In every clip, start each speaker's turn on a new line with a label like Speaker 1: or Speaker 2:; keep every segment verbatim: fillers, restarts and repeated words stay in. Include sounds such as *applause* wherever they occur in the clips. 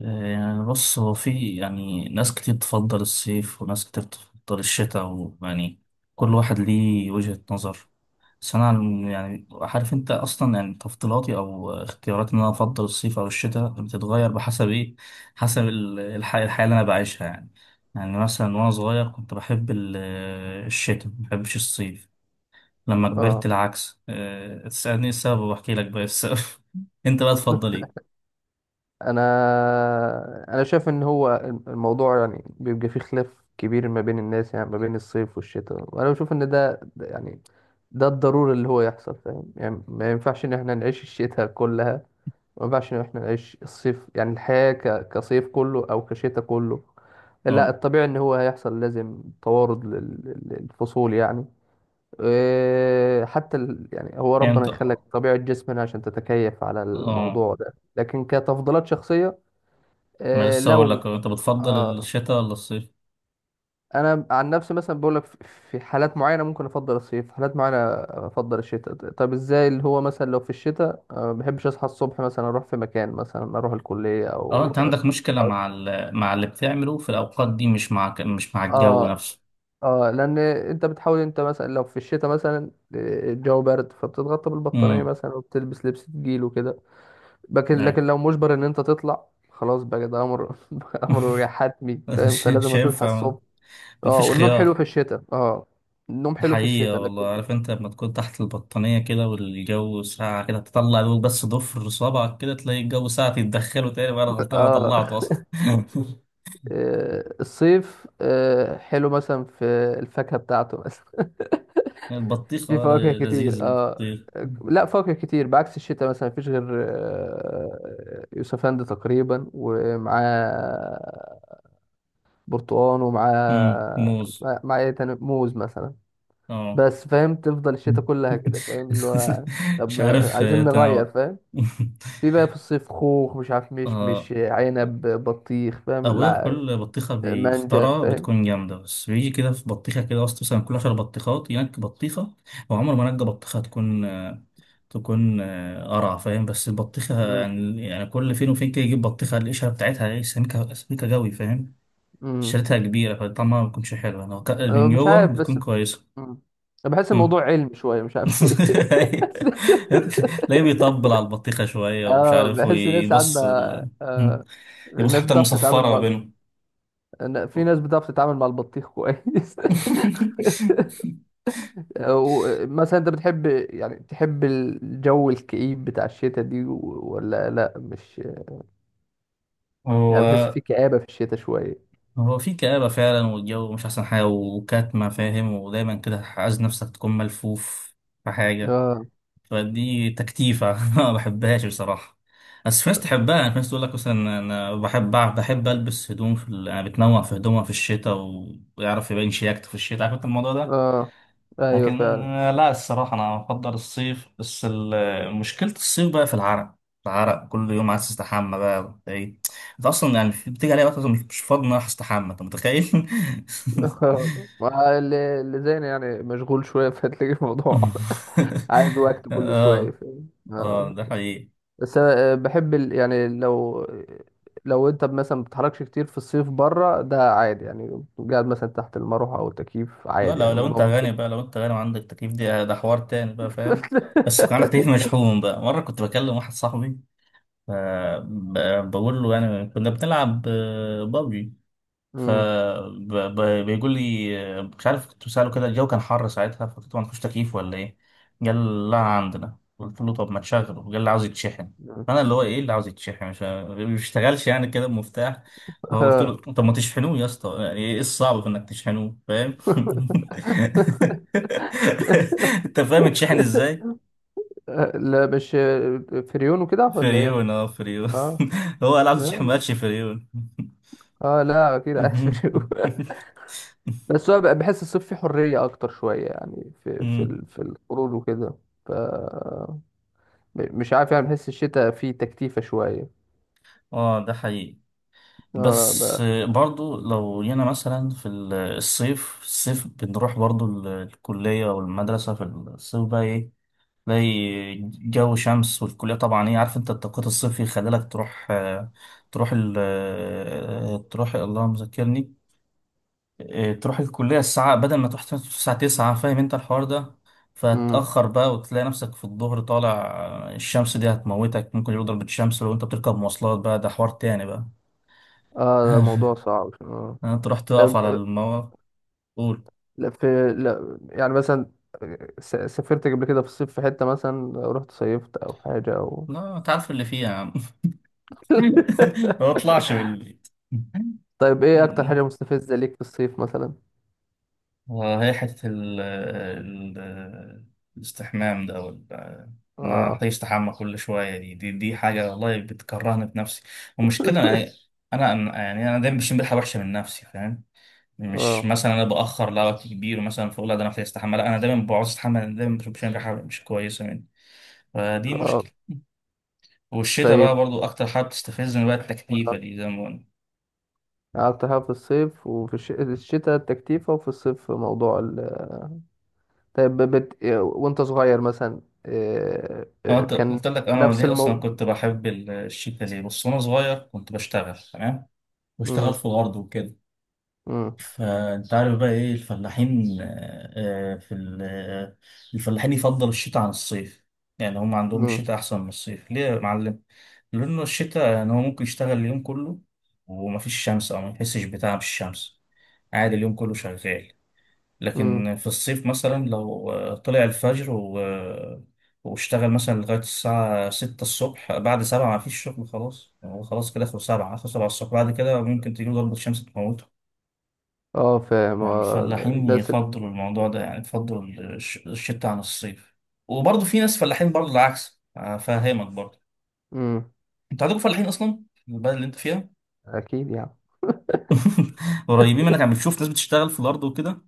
Speaker 1: يعني بص، هو في يعني ناس كتير تفضل الصيف وناس كتير تفضل الشتاء، ويعني كل واحد ليه وجهة نظر. بس أنا عن- يعني عارف أنت أصلا، يعني تفضيلاتي أو اختياراتي إن أنا أفضل الصيف أو الشتاء بتتغير بحسب إيه، حسب ال- الح- الحياة اللي أنا بعيشها يعني. يعني مثلا وأنا صغير كنت بحب ال- الشتاء، مبحبش الصيف. لما
Speaker 2: اه،
Speaker 1: كبرت العكس. أه، تسألني السبب وأحكي لك بقى السبب. *laughs* أنت بقى تفضل إيه؟
Speaker 2: انا انا شايف ان هو الموضوع يعني بيبقى فيه خلاف كبير ما بين الناس، يعني ما بين الصيف والشتاء. وانا بشوف ان ده ده يعني ده الضروري اللي هو يحصل، فاهم؟ يعني ما ينفعش ان احنا نعيش الشتاء كلها، ما ينفعش ان احنا نعيش الصيف. يعني الحياة ك... كصيف كله او كشتاء كله، لا.
Speaker 1: أه.
Speaker 2: الطبيعي ان هو هيحصل لازم توارد لل... لل- للفصول يعني. إيه، حتى ال... يعني هو
Speaker 1: يعني
Speaker 2: ربنا
Speaker 1: أنت،
Speaker 2: يخلك طبيعة جسمنا عشان تتكيف على
Speaker 1: أه،
Speaker 2: الموضوع ده، لكن كتفضيلات شخصية.
Speaker 1: ما
Speaker 2: آه
Speaker 1: لسه اقول
Speaker 2: لو
Speaker 1: لك انت بتفضل
Speaker 2: آه
Speaker 1: الشتاء ولا الصيف.
Speaker 2: انا عن نفسي مثلا بقول لك، في حالات معينه ممكن افضل الصيف، حالات معينه افضل الشتاء. طب ازاي؟ اللي هو مثلا لو في الشتاء آه، ما بحبش اصحى الصبح مثلا اروح في مكان، مثلا اروح الكليه
Speaker 1: اه
Speaker 2: او
Speaker 1: انت عندك مشكلة
Speaker 2: أو-
Speaker 1: مع ال... مع اللي بتعمله في الاوقات دي، مش مع ك- مش مع الجو
Speaker 2: اه.
Speaker 1: نفسه.
Speaker 2: اه، لان انت بتحاول، انت مثلا لو في الشتاء مثلا آه، الجو بارد فبتتغطى بالبطانيه
Speaker 1: امم.
Speaker 2: مثلا وبتلبس لبس تقيل وكده. لكن
Speaker 1: ايه.
Speaker 2: لكن لو مجبر ان انت تطلع، خلاص بقى ده امر *laughs* امر حتمي،
Speaker 1: *laughs*
Speaker 2: فاهم؟
Speaker 1: مش
Speaker 2: فلازم تصحى
Speaker 1: هينفع.
Speaker 2: الصبح. اه،
Speaker 1: مفيش
Speaker 2: والنوم حلو
Speaker 1: خيار.
Speaker 2: في الشتاء اه. النوم حلو في
Speaker 1: حقيقة
Speaker 2: الشتاء
Speaker 1: والله،
Speaker 2: لكن
Speaker 1: عارف انت لما تكون تحت البطانية كده والجو ساقع كده، تطلع دوب بس ضفر صبعك، كده تلاقي الجو ساقع، تتدخله تاني بقى انا
Speaker 2: *laughs*
Speaker 1: غلطان انا
Speaker 2: اه.
Speaker 1: طلعته اصلا. *laughs*
Speaker 2: آه، الصيف آه، حلو مثلا في الفاكهة بتاعته مثلا. *laughs*
Speaker 1: البطيخ،
Speaker 2: في
Speaker 1: اه،
Speaker 2: فواكه
Speaker 1: ل-
Speaker 2: كتير
Speaker 1: لذيذ
Speaker 2: اه.
Speaker 1: البطيخ.
Speaker 2: لا، فواكه كتير بعكس الشتاء، مثلا مفيش غير آه، يوسفند تقريبا، ومعاه برتقان،
Speaker 1: امم،
Speaker 2: ومعاه
Speaker 1: موز.
Speaker 2: مع مع ايه تاني، موز مثلا.
Speaker 1: اه.
Speaker 2: بس فاهم، تفضل الشتاء
Speaker 1: *laughs*
Speaker 2: كلها كده فاهم اللي هو؟
Speaker 1: مش
Speaker 2: طب آه،
Speaker 1: عارف،
Speaker 2: عايزين
Speaker 1: آه،
Speaker 2: نغير
Speaker 1: تنوع.
Speaker 2: فاهم.
Speaker 1: *laughs*
Speaker 2: في بقى في الصيف خوخ، مش عارف، مش مش
Speaker 1: آه،
Speaker 2: عنب، بطيخ، فاهم
Speaker 1: أبويا
Speaker 2: الع-
Speaker 1: كل بطيخة
Speaker 2: مانجا،
Speaker 1: بيختارها
Speaker 2: فاهم.
Speaker 1: بتكون جامدة، بس بيجي كده في بطيخة كده أصلا، مثلا كل عشر بطيخات ينك بطيخة. هو عمره ما نجى بطيخة تكون آه، تكون آه، قرع فاهم، بس البطيخة
Speaker 2: مم.
Speaker 1: يعني يعني كل فين وفين كده يجيب بطيخة القشرة بتاعتها إيه، سميكة، سميكة جوي فاهم.
Speaker 2: مم.
Speaker 1: شريتها كبيرة فطعمها ما بيكونش حلو، لو ك-
Speaker 2: أنا
Speaker 1: من
Speaker 2: مش
Speaker 1: جوه
Speaker 2: عارف
Speaker 1: بتكون
Speaker 2: بس.
Speaker 1: كويسة.
Speaker 2: مم. أنا بحس الموضوع علم شوية، مش عارف ليه. *laughs*
Speaker 1: تلاقيه بيطبل على البطيخة شوية ومش
Speaker 2: اه،
Speaker 1: عارف
Speaker 2: بحس الناس
Speaker 1: ويبص
Speaker 2: عندها
Speaker 1: ال...
Speaker 2: آه،
Speaker 1: يبص
Speaker 2: الناس
Speaker 1: حتى
Speaker 2: بتعرف تتعامل
Speaker 1: المصفرة ما
Speaker 2: مع
Speaker 1: بينهم.
Speaker 2: أنا- في ناس بتعرف تتعامل مع البطيخ كويس. *laughs*
Speaker 1: *laughs*
Speaker 2: أو مثلا انت بتحب، يعني تحب الجو الكئيب بتاع الشتاء دي و- ولا لا؟ مش يعني، بحس
Speaker 1: هو
Speaker 2: في كآبة في الشتاء شوية.
Speaker 1: هو في كآبة فعلا، والجو مش أحسن حاجة وكاتمة فاهم، ودايما كده عايز نفسك تكون ملفوف في حاجة.
Speaker 2: اه.
Speaker 1: فدي تكتيفة، *laughs* ما بحبهاش بصراحة. بس في ناس تحبها يعني. في ناس تقول لك مثلا أنا بحب، بحب ألبس هدوم في ال... أنا بتنوع في هدومها في الشتاء، ويعرف يبين شياكته في الشتاء، عارف أنت الموضوع ده.
Speaker 2: اه. ايوه
Speaker 1: لكن
Speaker 2: فعلا.
Speaker 1: آه، لا الصراحة أنا بفضل الصيف، بس ال- مشكلة الصيف بقى في العرق. العرق كل يوم عايز تستحمى بقى، وأنت إيه، أنت أصلا يعني في- بتيجي عليا وقت أصلاً مش مش فاضي إن أنا أروح أستحمى، أنت متخيل؟
Speaker 2: *laughs* ما اللي اللي زينا يعني مشغول شوية، فهتلاقي الموضوع *laughs* عايز
Speaker 1: *laughs*
Speaker 2: وقت كل شوية،
Speaker 1: آه.
Speaker 2: فاهم
Speaker 1: آه
Speaker 2: آه.
Speaker 1: ده حقيقي.
Speaker 2: بس أنا آه، بحب ال... يعني لو، لو انت مثلا ما بتتحركش كتير في الصيف بره، ده عادي يعني. قاعد مثلا تحت المروحة او التكييف،
Speaker 1: لا
Speaker 2: عادي
Speaker 1: لو،
Speaker 2: يعني،
Speaker 1: لو
Speaker 2: الموضوع
Speaker 1: أنت
Speaker 2: ممكن.
Speaker 1: غني بقى، لو أنت غني وعندك تكييف دي، ده حوار تاني بقى فاهم. بس يكون عندك تكييف
Speaker 2: *laughs*
Speaker 1: مشحون بقى. مرة كنت بكلم واحد صاحبي، ف- ب- بقول له يعني كنا بنلعب آه، بابجي،
Speaker 2: مم.
Speaker 1: فبيقول لي آه، مش عارف. كنت بسأله كده، الجو كان حر ساعتها فقلت له ما عندكوش تكييف ولا ايه؟ قال لا عندنا. قلت له طب ما تشغله. قال اللي عاوز يتشحن.
Speaker 2: آه.
Speaker 1: فانا اللي هو ايه اللي عاوز يتشحن، مش ما بيشتغلش يعني كده بمفتاح؟ فقلت له طب ما تشحنوه يا اسطى، يعني ايه الصعب في انك تشحنوه فاهم؟ *laughs* انت فاهم يتشحن ازاي؟
Speaker 2: آه. لا مش آه، فريون وكده ولا ايه؟
Speaker 1: فريون، اه فريون.
Speaker 2: اه
Speaker 1: *laughs* هو قال عاوز يشحن، ما
Speaker 2: فريون.
Speaker 1: قالش فريون.
Speaker 2: اه، لا اكيد عايز فريون.
Speaker 1: *laughs*
Speaker 2: بس هو بقى- بحس الصيف فيه حرية أكتر شوية يعني، في في
Speaker 1: مم.
Speaker 2: ال- في الخروج وكده. ف، مش عارف يعني، بحس الشتاء فيه تكتيفة شوية.
Speaker 1: اه ده حقيقي.
Speaker 2: اه
Speaker 1: بس
Speaker 2: بقى.
Speaker 1: برضو لو جينا مثلا في ال- الصيف الصيف، بنروح برضو ال- الكلية والمدرسة في الصيف بقى ايه، تلاقي جو شمس، والكلية طبعا ايه، عارف انت التوقيت الصيفي يخليلك تروح، آه، تروح ال آه، تروح الله مذكرني، آه، تروح الكلية الساعة، بدل ما تروح الساعة تسعة فاهم انت الحوار ده.
Speaker 2: امم.
Speaker 1: فتأخر بقى، وتلاقي نفسك في الظهر طالع، آه، الشمس دي هتموتك، ممكن يضرب الشمس، لو انت بتركب مواصلات بقى ده حوار تاني بقى.
Speaker 2: اه ده موضوع
Speaker 1: *laughs*
Speaker 2: صعب اه.
Speaker 1: انت رحت تقف
Speaker 2: طب،
Speaker 1: على
Speaker 2: آه،
Speaker 1: المواقف. قول.
Speaker 2: لا في، لا يعني مثلا آه، س- سافرت قبل كده في الصيف في حتة، مثلا رحت صيفت أو حاجة أو
Speaker 1: لا انت عارف اللي فيها يا عم. *laughs* ما اطلعش من
Speaker 2: *laughs*
Speaker 1: البيت.
Speaker 2: طيب، إيه أكتر حاجة
Speaker 1: *laughs*
Speaker 2: مستفزة ليك في الصيف مثلا؟
Speaker 1: آه، هي حتة ال ال- الاستحمام ده، ولا إن أنا
Speaker 2: اه.
Speaker 1: أحتاج أستحمى كل شوية دي، دي, دي حاجة والله بتكرهني في نفسي. والمشكلة يعني، أنا إيه، أنا- يعني أنا دايما بشم ريحة وحشة من نفسي فاهم. مش
Speaker 2: اه.
Speaker 1: مثلا أنا بأخر لوقت كبير مثلا فأقول لا ده أنا محتاج أستحمى، لا أنا دايما بعوز أستحمى، أنا دايما بشم ريحة مش كويسة مني. فدي
Speaker 2: اه
Speaker 1: مشكلة. والشتاء بقى
Speaker 2: طيب
Speaker 1: برضو اكتر حاجه بتستفزني بقى التكليفه
Speaker 2: آه.
Speaker 1: دي زي ما قلنا.
Speaker 2: قعدت حاجة في الصيف وفي الش- الشتاء التكتيفة، وفي الصيف موضوع ال... طيب بت... وانت صغير مثلا آه،
Speaker 1: أنا
Speaker 2: آه،
Speaker 1: قلت،
Speaker 2: كان
Speaker 1: قلت لك انا
Speaker 2: نفس
Speaker 1: ليه اصلا
Speaker 2: الموضوع.
Speaker 1: كنت بحب ال- الشتاء ليه. بص وانا صغير كنت بشتغل تمام، بشتغل
Speaker 2: امم.
Speaker 1: في الارض وكده.
Speaker 2: امم.
Speaker 1: فانت عارف بقى ايه الفلاحين، آه، آه، في ال- آه، الفلاحين يفضل الشتاء عن الصيف. يعني هم عندهم
Speaker 2: امم.
Speaker 1: الشتاء احسن من الصيف، ليه يا معلم؟ لانه الشتاء يعني هو ممكن يشتغل اليوم كله ومفيش شمس، او ما يحسش بتعب الشمس، عادي اليوم كله شغال.
Speaker 2: امم.
Speaker 1: لكن في الصيف مثلا لو آه، طلع الفجر و... آه، واشتغل مثلا لغاية الساعة ستة الصبح، بعد سبعة ما فيش شغل خلاص، هو خلاص كده آخر سبعة، آخر سبعة الصبح، بعد كده ممكن تجيله ضربة شمس تموته.
Speaker 2: اه فاهم
Speaker 1: يعني
Speaker 2: آه،
Speaker 1: الفلاحين
Speaker 2: الناس ال...
Speaker 1: يفضلوا الموضوع ده، يعني يفضلوا الش- الشتاء عن الصيف. وبرضه في ناس فلاحين برضه العكس أفهمك برضه.
Speaker 2: امم.
Speaker 1: أنت عندكم فلاحين أصلا في البلد اللي أنت فيها؟
Speaker 2: اكيد يعني.
Speaker 1: *laughs* قريبين منك عم، بتشوف ناس بتشتغل في الأرض وكده؟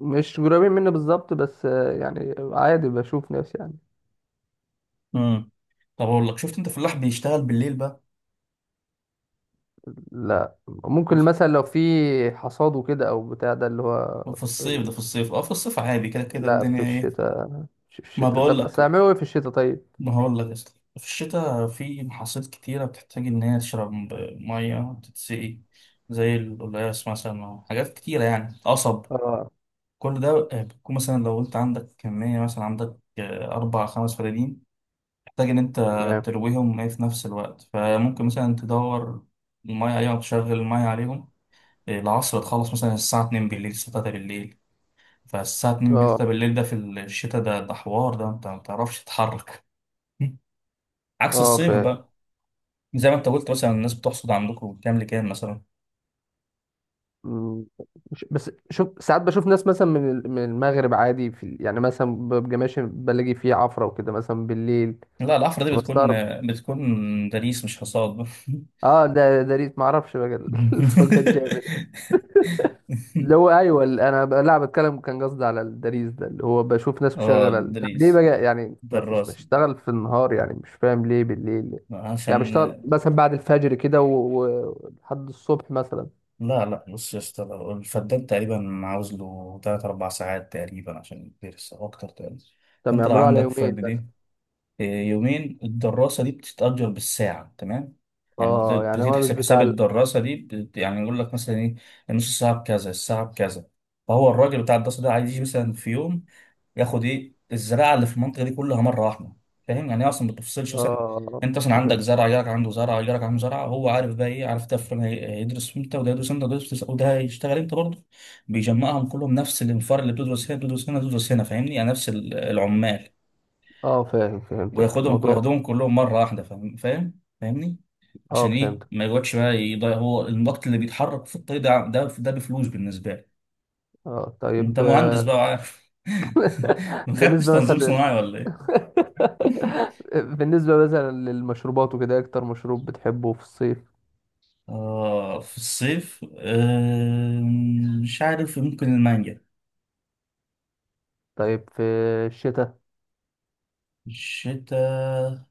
Speaker 2: مش قريبين مني بالظبط، بس آه، يعني عادي بشوف ناس يعني.
Speaker 1: امم. طب أقول لك، شفت أنت فلاح بيشتغل بالليل
Speaker 2: لا
Speaker 1: بقى؟
Speaker 2: ممكن، مثلا لو في حصاد وكده او بتاع ده اللي هو
Speaker 1: في الصيف
Speaker 2: ال-
Speaker 1: ده، في الصيف اه، في الصيف عادي كده كده
Speaker 2: لا في
Speaker 1: الدنيا ايه.
Speaker 2: الشتاء، في
Speaker 1: ما
Speaker 2: الشتاء
Speaker 1: بقول
Speaker 2: طب اصل
Speaker 1: لك،
Speaker 2: اعملوا ايه في الشتاء طيب؟
Speaker 1: ما هقول لك اصلا، في الشتاء في محاصيل كتيرة بتحتاج إن هي تشرب مية، تتسقي، زي القلقاس مثلا، حاجات كتيرة يعني، قصب،
Speaker 2: اه.
Speaker 1: كل ده آه، بتكون مثلا لو أنت عندك كمية، مثلا عندك آه، أربع خمس فدادين، محتاج إن أنت
Speaker 2: تمام.
Speaker 1: ترويهم إيه في نفس الوقت، فممكن مثلا تدور المية عليهم، تشغل المية عليهم آه، العصر، تخلص مثلا الساعة اتنين بالليل الساعة تلاتة بالليل. فالساعة اتنين بالليل، طب
Speaker 2: اه.
Speaker 1: بالليل ده في الشتاء ده، ده حوار ده انت ما بتعرفش تتحرك. *laughs* عكس
Speaker 2: اه
Speaker 1: الصيف
Speaker 2: فاهم.
Speaker 1: بقى. زي ما انت قلت مثلا الناس بتحصد عندكم من كام لكام مثلا.
Speaker 2: مم. مش- بس شوف، ساعات بشوف ناس مثلا من ال- من المغرب عادي في ال- يعني مثلا ببقى ماشي، بلاقي فيه عفرة وكده مثلا بالليل،
Speaker 1: لا الحفرة دي بتكون،
Speaker 2: بستغرب.
Speaker 1: بتكون دليس مش حصاد. *laughs*
Speaker 2: اه ده ده ريت معرفش بقى ال- *laughs* الفروقات جامد. اللي هو، ايوه ال- انا ب- لا بتكلم، كان قصدي على الدريس ده، اللي هو بشوف ناس
Speaker 1: اه
Speaker 2: مشغله ال- طب ليه
Speaker 1: دريس،
Speaker 2: بقى يعني ما تش
Speaker 1: دراس،
Speaker 2: بشتغل في النهار يعني، مش فاهم ليه بالليل. يعني بشتغل
Speaker 1: عشان،
Speaker 2: مثلا بعد الفجر كده و- و- ولحد الصبح مثلا.
Speaker 1: لا لا بص يا اسطى، لو الفدان تقريبا عاوز له تلات أربع ساعات تقريبا عشان يدرس، أو أكتر تقريبا.
Speaker 2: طب ما
Speaker 1: فأنت لو
Speaker 2: يعملوه على
Speaker 1: عندك
Speaker 2: يومين بس؟
Speaker 1: فد يومين، الدراسة دي بتتأجر بالساعة تمام. يعني بت-
Speaker 2: اه يعني
Speaker 1: بتيجي
Speaker 2: هو مش
Speaker 1: تحسب حساب
Speaker 2: بتاع.
Speaker 1: الدراسة دي بت- يعني يقول لك مثلا ايه، النص ساعة بكذا الساعة بكذا. فهو الراجل بتاع الدراسة ده عايز يجي مثلا في يوم ياخد ايه الزراعة اللي في المنطقة دي كلها مرة واحدة، فاهم يعني هي أصلا ما بتفصلش مثلا.
Speaker 2: اه
Speaker 1: أنت مثلا عندك
Speaker 2: فهمت.
Speaker 1: زرع، جارك عنده زرع، جارك عنده زرع، هو عارف بقى ايه، عارف ده فلان هي- هيدرس امتى، وده يدرس امتى، وده يدرس، وده هيشتغل امتى برضه. بيجمعهم كلهم، نفس الانفار اللي بتدرس هنا بتدرس هنا بتدرس هنا، فاهمني يعني نفس ال- العمال،
Speaker 2: اه فاهم، فهمتك
Speaker 1: وياخدهم،
Speaker 2: الموضوع.
Speaker 1: ياخدهم كلهم مره واحده فاهم، فاهم فاهمني.
Speaker 2: اه
Speaker 1: عشان ايه،
Speaker 2: فهمتك.
Speaker 1: ما يقعدش بقى يضيع، هو النط اللي بيتحرك في الطريق ده ده ده بفلوس بالنسبه لي.
Speaker 2: اه
Speaker 1: انت
Speaker 2: طيب
Speaker 1: مهندس بقى
Speaker 2: آه.
Speaker 1: وعارف، *laughs*
Speaker 2: *laughs*
Speaker 1: ما خدتش
Speaker 2: بالنسبة مثلا
Speaker 1: تنظيم
Speaker 2: لل...
Speaker 1: صناعي ولا ايه؟ *laughs*
Speaker 2: *laughs* بالنسبة مثلا للمشروبات وكده، إيه أكتر مشروب بتحبه في الصيف؟
Speaker 1: اه في الصيف آه، مش عارف ممكن المانجا.
Speaker 2: طيب في الشتاء؟
Speaker 1: الشتاء،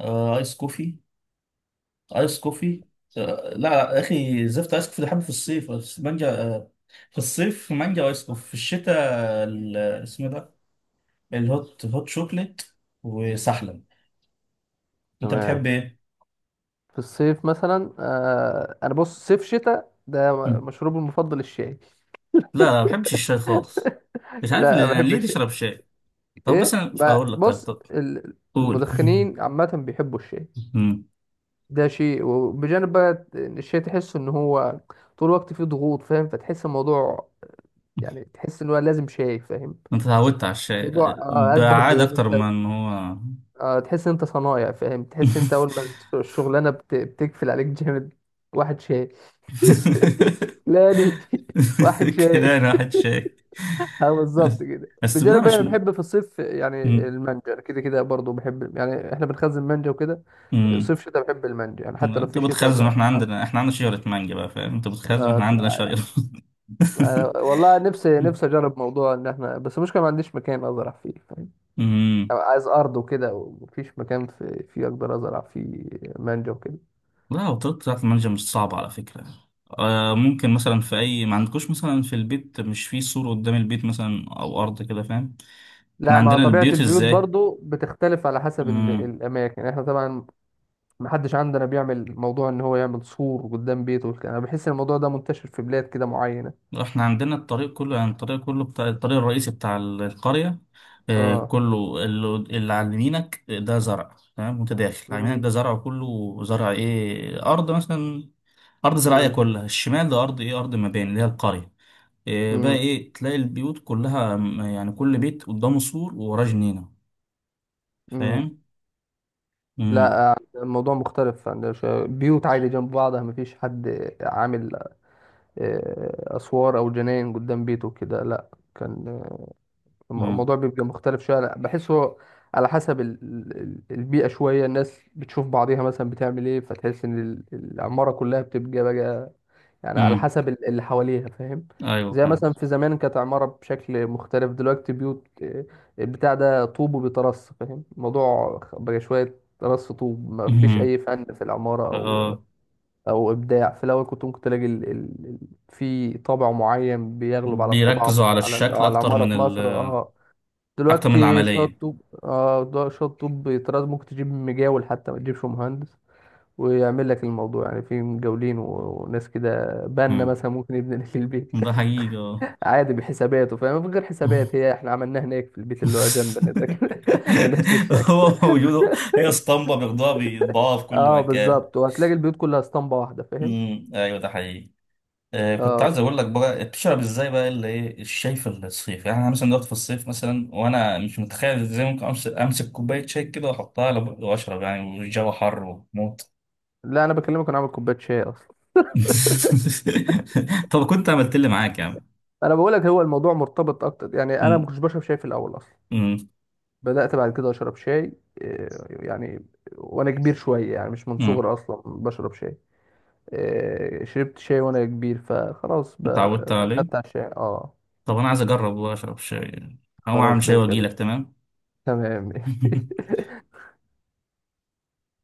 Speaker 1: آه ايس كوفي، ايس كوفي آه. لا لا يا اخي زفت، ايس كوفي ده بحبه في الصيف، بس مانجا. في الصيف مانجا، وايس كوفي في الشتاء. ال- اسمه ده الهوت، هوت شوكليت، وسحلب. انت بتحب
Speaker 2: تمام.
Speaker 1: ايه؟
Speaker 2: في الصيف مثلا آه، أنا بص صيف شتاء ده
Speaker 1: مم.
Speaker 2: مشروبي المفضل الشاي.
Speaker 1: لا لا ما بحبش الشاي خالص.
Speaker 2: *laughs*
Speaker 1: مش عارف
Speaker 2: لا
Speaker 1: ليه، يعني
Speaker 2: بحب
Speaker 1: ليه
Speaker 2: الشاي.
Speaker 1: تشرب شاي؟ طب بس
Speaker 2: إيه
Speaker 1: انا
Speaker 2: ب-
Speaker 1: اقول لك، طيب،
Speaker 2: بص،
Speaker 1: طب
Speaker 2: ال-
Speaker 1: قول.
Speaker 2: المدخنين عامة بيحبوا الشاي.
Speaker 1: *laughs* مم.
Speaker 2: ده شيء، وبجانب بقى الشيء تحس ان هو طول الوقت فيه ضغوط فاهم، فتحس الموضوع يعني، تحس ان هو لازم شاي فاهم.
Speaker 1: انت
Speaker 2: يعني
Speaker 1: اتعودت على الشاي،
Speaker 2: الموضوع آه، اشبه
Speaker 1: بعاد
Speaker 2: بان
Speaker 1: اكتر من
Speaker 2: انت
Speaker 1: ان هو.
Speaker 2: آه، تحس ان انت صنايع، فاهم؟ تحس انت اول ما الشغلانه بت- بتقفل عليك جامد، واحد شاي.
Speaker 1: *laughs*
Speaker 2: لا دي *laughs* واحد شاي.
Speaker 1: كده انا واحد شاي.
Speaker 2: *laughs* اه بالظبط كده.
Speaker 1: بس ده
Speaker 2: بجانب بقى
Speaker 1: مش
Speaker 2: انا
Speaker 1: م...
Speaker 2: بحب في الصيف يعني
Speaker 1: م...
Speaker 2: المانجا، أنا كده كده برضه بحب، يعني احنا بنخزن مانجا وكده.
Speaker 1: م...
Speaker 2: صيف شتاء بحب المانجا، يعني حتى
Speaker 1: لا،
Speaker 2: لو
Speaker 1: انت
Speaker 2: في شتاء ب-
Speaker 1: بتخزن، احنا
Speaker 2: ب-
Speaker 1: عندنا، احنا عندنا شجرة مانجا بقى فاهم، انت بتخزن، احنا عندنا
Speaker 2: بطلع.
Speaker 1: شجرة.
Speaker 2: أنا والله نفسي،
Speaker 1: *laughs*
Speaker 2: نفسي اجرب موضوع ان احنا، بس المشكله ما عنديش مكان ازرع فيه، فاهم؟
Speaker 1: م...
Speaker 2: أبقى عايز ارض وكده، ومفيش مكان في فيه اقدر ازرع فيه مانجا وكده.
Speaker 1: لا وطريقة بتاعة المانجا مش صعبة على فكرة. آه ممكن مثلا في أي، ما عندكوش مثلا في البيت مش في سور قدام البيت مثلا، أو أرض كده فاهم؟ احنا
Speaker 2: لا، مع
Speaker 1: عندنا
Speaker 2: طبيعه
Speaker 1: البيوت
Speaker 2: البيوت
Speaker 1: ازاي؟
Speaker 2: برضو بتختلف على حسب ال...
Speaker 1: مم.
Speaker 2: الاماكن، احنا طبعا ما حدش عندنا بيعمل موضوع ان هو يعمل سور قدام بيته والكلام. انا بحس ان الموضوع ده منتشر في بلاد كده معينه.
Speaker 1: احنا عندنا الطريق كله، يعني الطريق كله بتاع، الطريق الرئيسي بتاع ال- القرية، آه
Speaker 2: اه.
Speaker 1: كله، اللي, اللي على يمينك ده زرع تمام، وانت داخل على يمينك
Speaker 2: امم.
Speaker 1: ده زرع، كله زرع ايه أرض مثلا، أرض زراعية
Speaker 2: امم.
Speaker 1: كلها. الشمال ده أرض ايه، أرض مباني اللي هي القرية. إيه بقى
Speaker 2: امم.
Speaker 1: ايه، تلاقي البيوت كلها م- يعني كل بيت قدامه سور ووراه جنينة
Speaker 2: امم.
Speaker 1: فاهم. امم.
Speaker 2: لا الموضوع مختلف عندنا شوية. بيوت عادي جنب بعضها، مفيش حد عامل آه، اسوار او جناين قدام بيته كده، لا. كان آه،
Speaker 1: امم.
Speaker 2: الموضوع بيبقى مختلف شويه. لا بحسه على حسب ال- ال- البيئه شويه، الناس بتشوف بعضيها مثلا بتعمل ايه، فتحس ان ال- العماره كلها بتبقى بقى يعني على
Speaker 1: امم.
Speaker 2: حسب ال- اللي حواليها، فاهم؟
Speaker 1: ايوه
Speaker 2: زي
Speaker 1: فاهم.
Speaker 2: مثلا في زمان كانت عماره بشكل مختلف، دلوقتي بيوت آه، البتاع ده طوب وبيترص، فاهم الموضوع بقى شويه رص طوب، ما فيش
Speaker 1: امم.
Speaker 2: اي فن في العماره او
Speaker 1: اه
Speaker 2: او ابداع. في الاول كنت ممكن تلاقي ال... ال... ال- في طابع معين بيغلب على الطباعه في-
Speaker 1: بيركزوا على
Speaker 2: على
Speaker 1: الشكل
Speaker 2: على
Speaker 1: اكتر
Speaker 2: العماره
Speaker 1: من
Speaker 2: في
Speaker 1: ال،
Speaker 2: مصر اه.
Speaker 1: اكتر من
Speaker 2: دلوقتي شويه
Speaker 1: العملية.
Speaker 2: طوب اه، دو- شويه طوب بيطرد، ممكن تجيب مجاول حتى ما تجيبش مهندس ويعمل لك الموضوع، يعني في مجاولين و- وناس كده بنا
Speaker 1: امم
Speaker 2: مثلا ممكن يبني لك البيت
Speaker 1: ده حقيقي اه.
Speaker 2: *laughs* عادي بحساباته فاهم، من غير حسابات، هي احنا عملناها هناك في البيت اللي هو جنبنا ده كده *laughs* بنفس
Speaker 1: *laughs*
Speaker 2: الشكل.
Speaker 1: هو موجود. هي اسطمبة بياخدوها بيطبعوها في كل
Speaker 2: اه
Speaker 1: مكان.
Speaker 2: بالظبط، وهتلاقي البيوت كلها اسطمبه واحده فاهم.
Speaker 1: امم ايوه ده حقيقي. آه، كنت
Speaker 2: اه.
Speaker 1: عايز اقول لك بقى بتشرب ازاي بقى اللي ايه الشاي في الصيف. يعني انا مثلا دلوقتي في الصيف مثلا، وانا مش متخيل ازاي ممكن امسك، امسك كوبايه شاي كده واحطها على بقي واشرب يعني والجو حر وموت.
Speaker 2: لا انا بكلمك، انا عامل كوبايه شاي اصلا.
Speaker 1: *laughs* طب كنت عملت لي معاك يا عم.
Speaker 2: انا بقول لك هو الموضوع مرتبط اكتر، يعني انا ما
Speaker 1: م-
Speaker 2: كنتش بشرب شاي في الاول اصلا.
Speaker 1: م-
Speaker 2: بدات بعد كده اشرب شاي آه، يعني وانا كبير شويه يعني، مش من
Speaker 1: م.
Speaker 2: صغري اصلا بشرب شاي. آه، شربت شاي وانا كبير، فخلاص بقى
Speaker 1: اتعودت عليه.
Speaker 2: خدت على الشاي اه.
Speaker 1: طب انا عايز اجرب واشرب شاي، او
Speaker 2: خلاص
Speaker 1: اعمل شاي
Speaker 2: باشا
Speaker 1: واجي لك
Speaker 2: باشا.
Speaker 1: تمام.
Speaker 2: تمام ماشي
Speaker 1: *laughs*
Speaker 2: *laughs*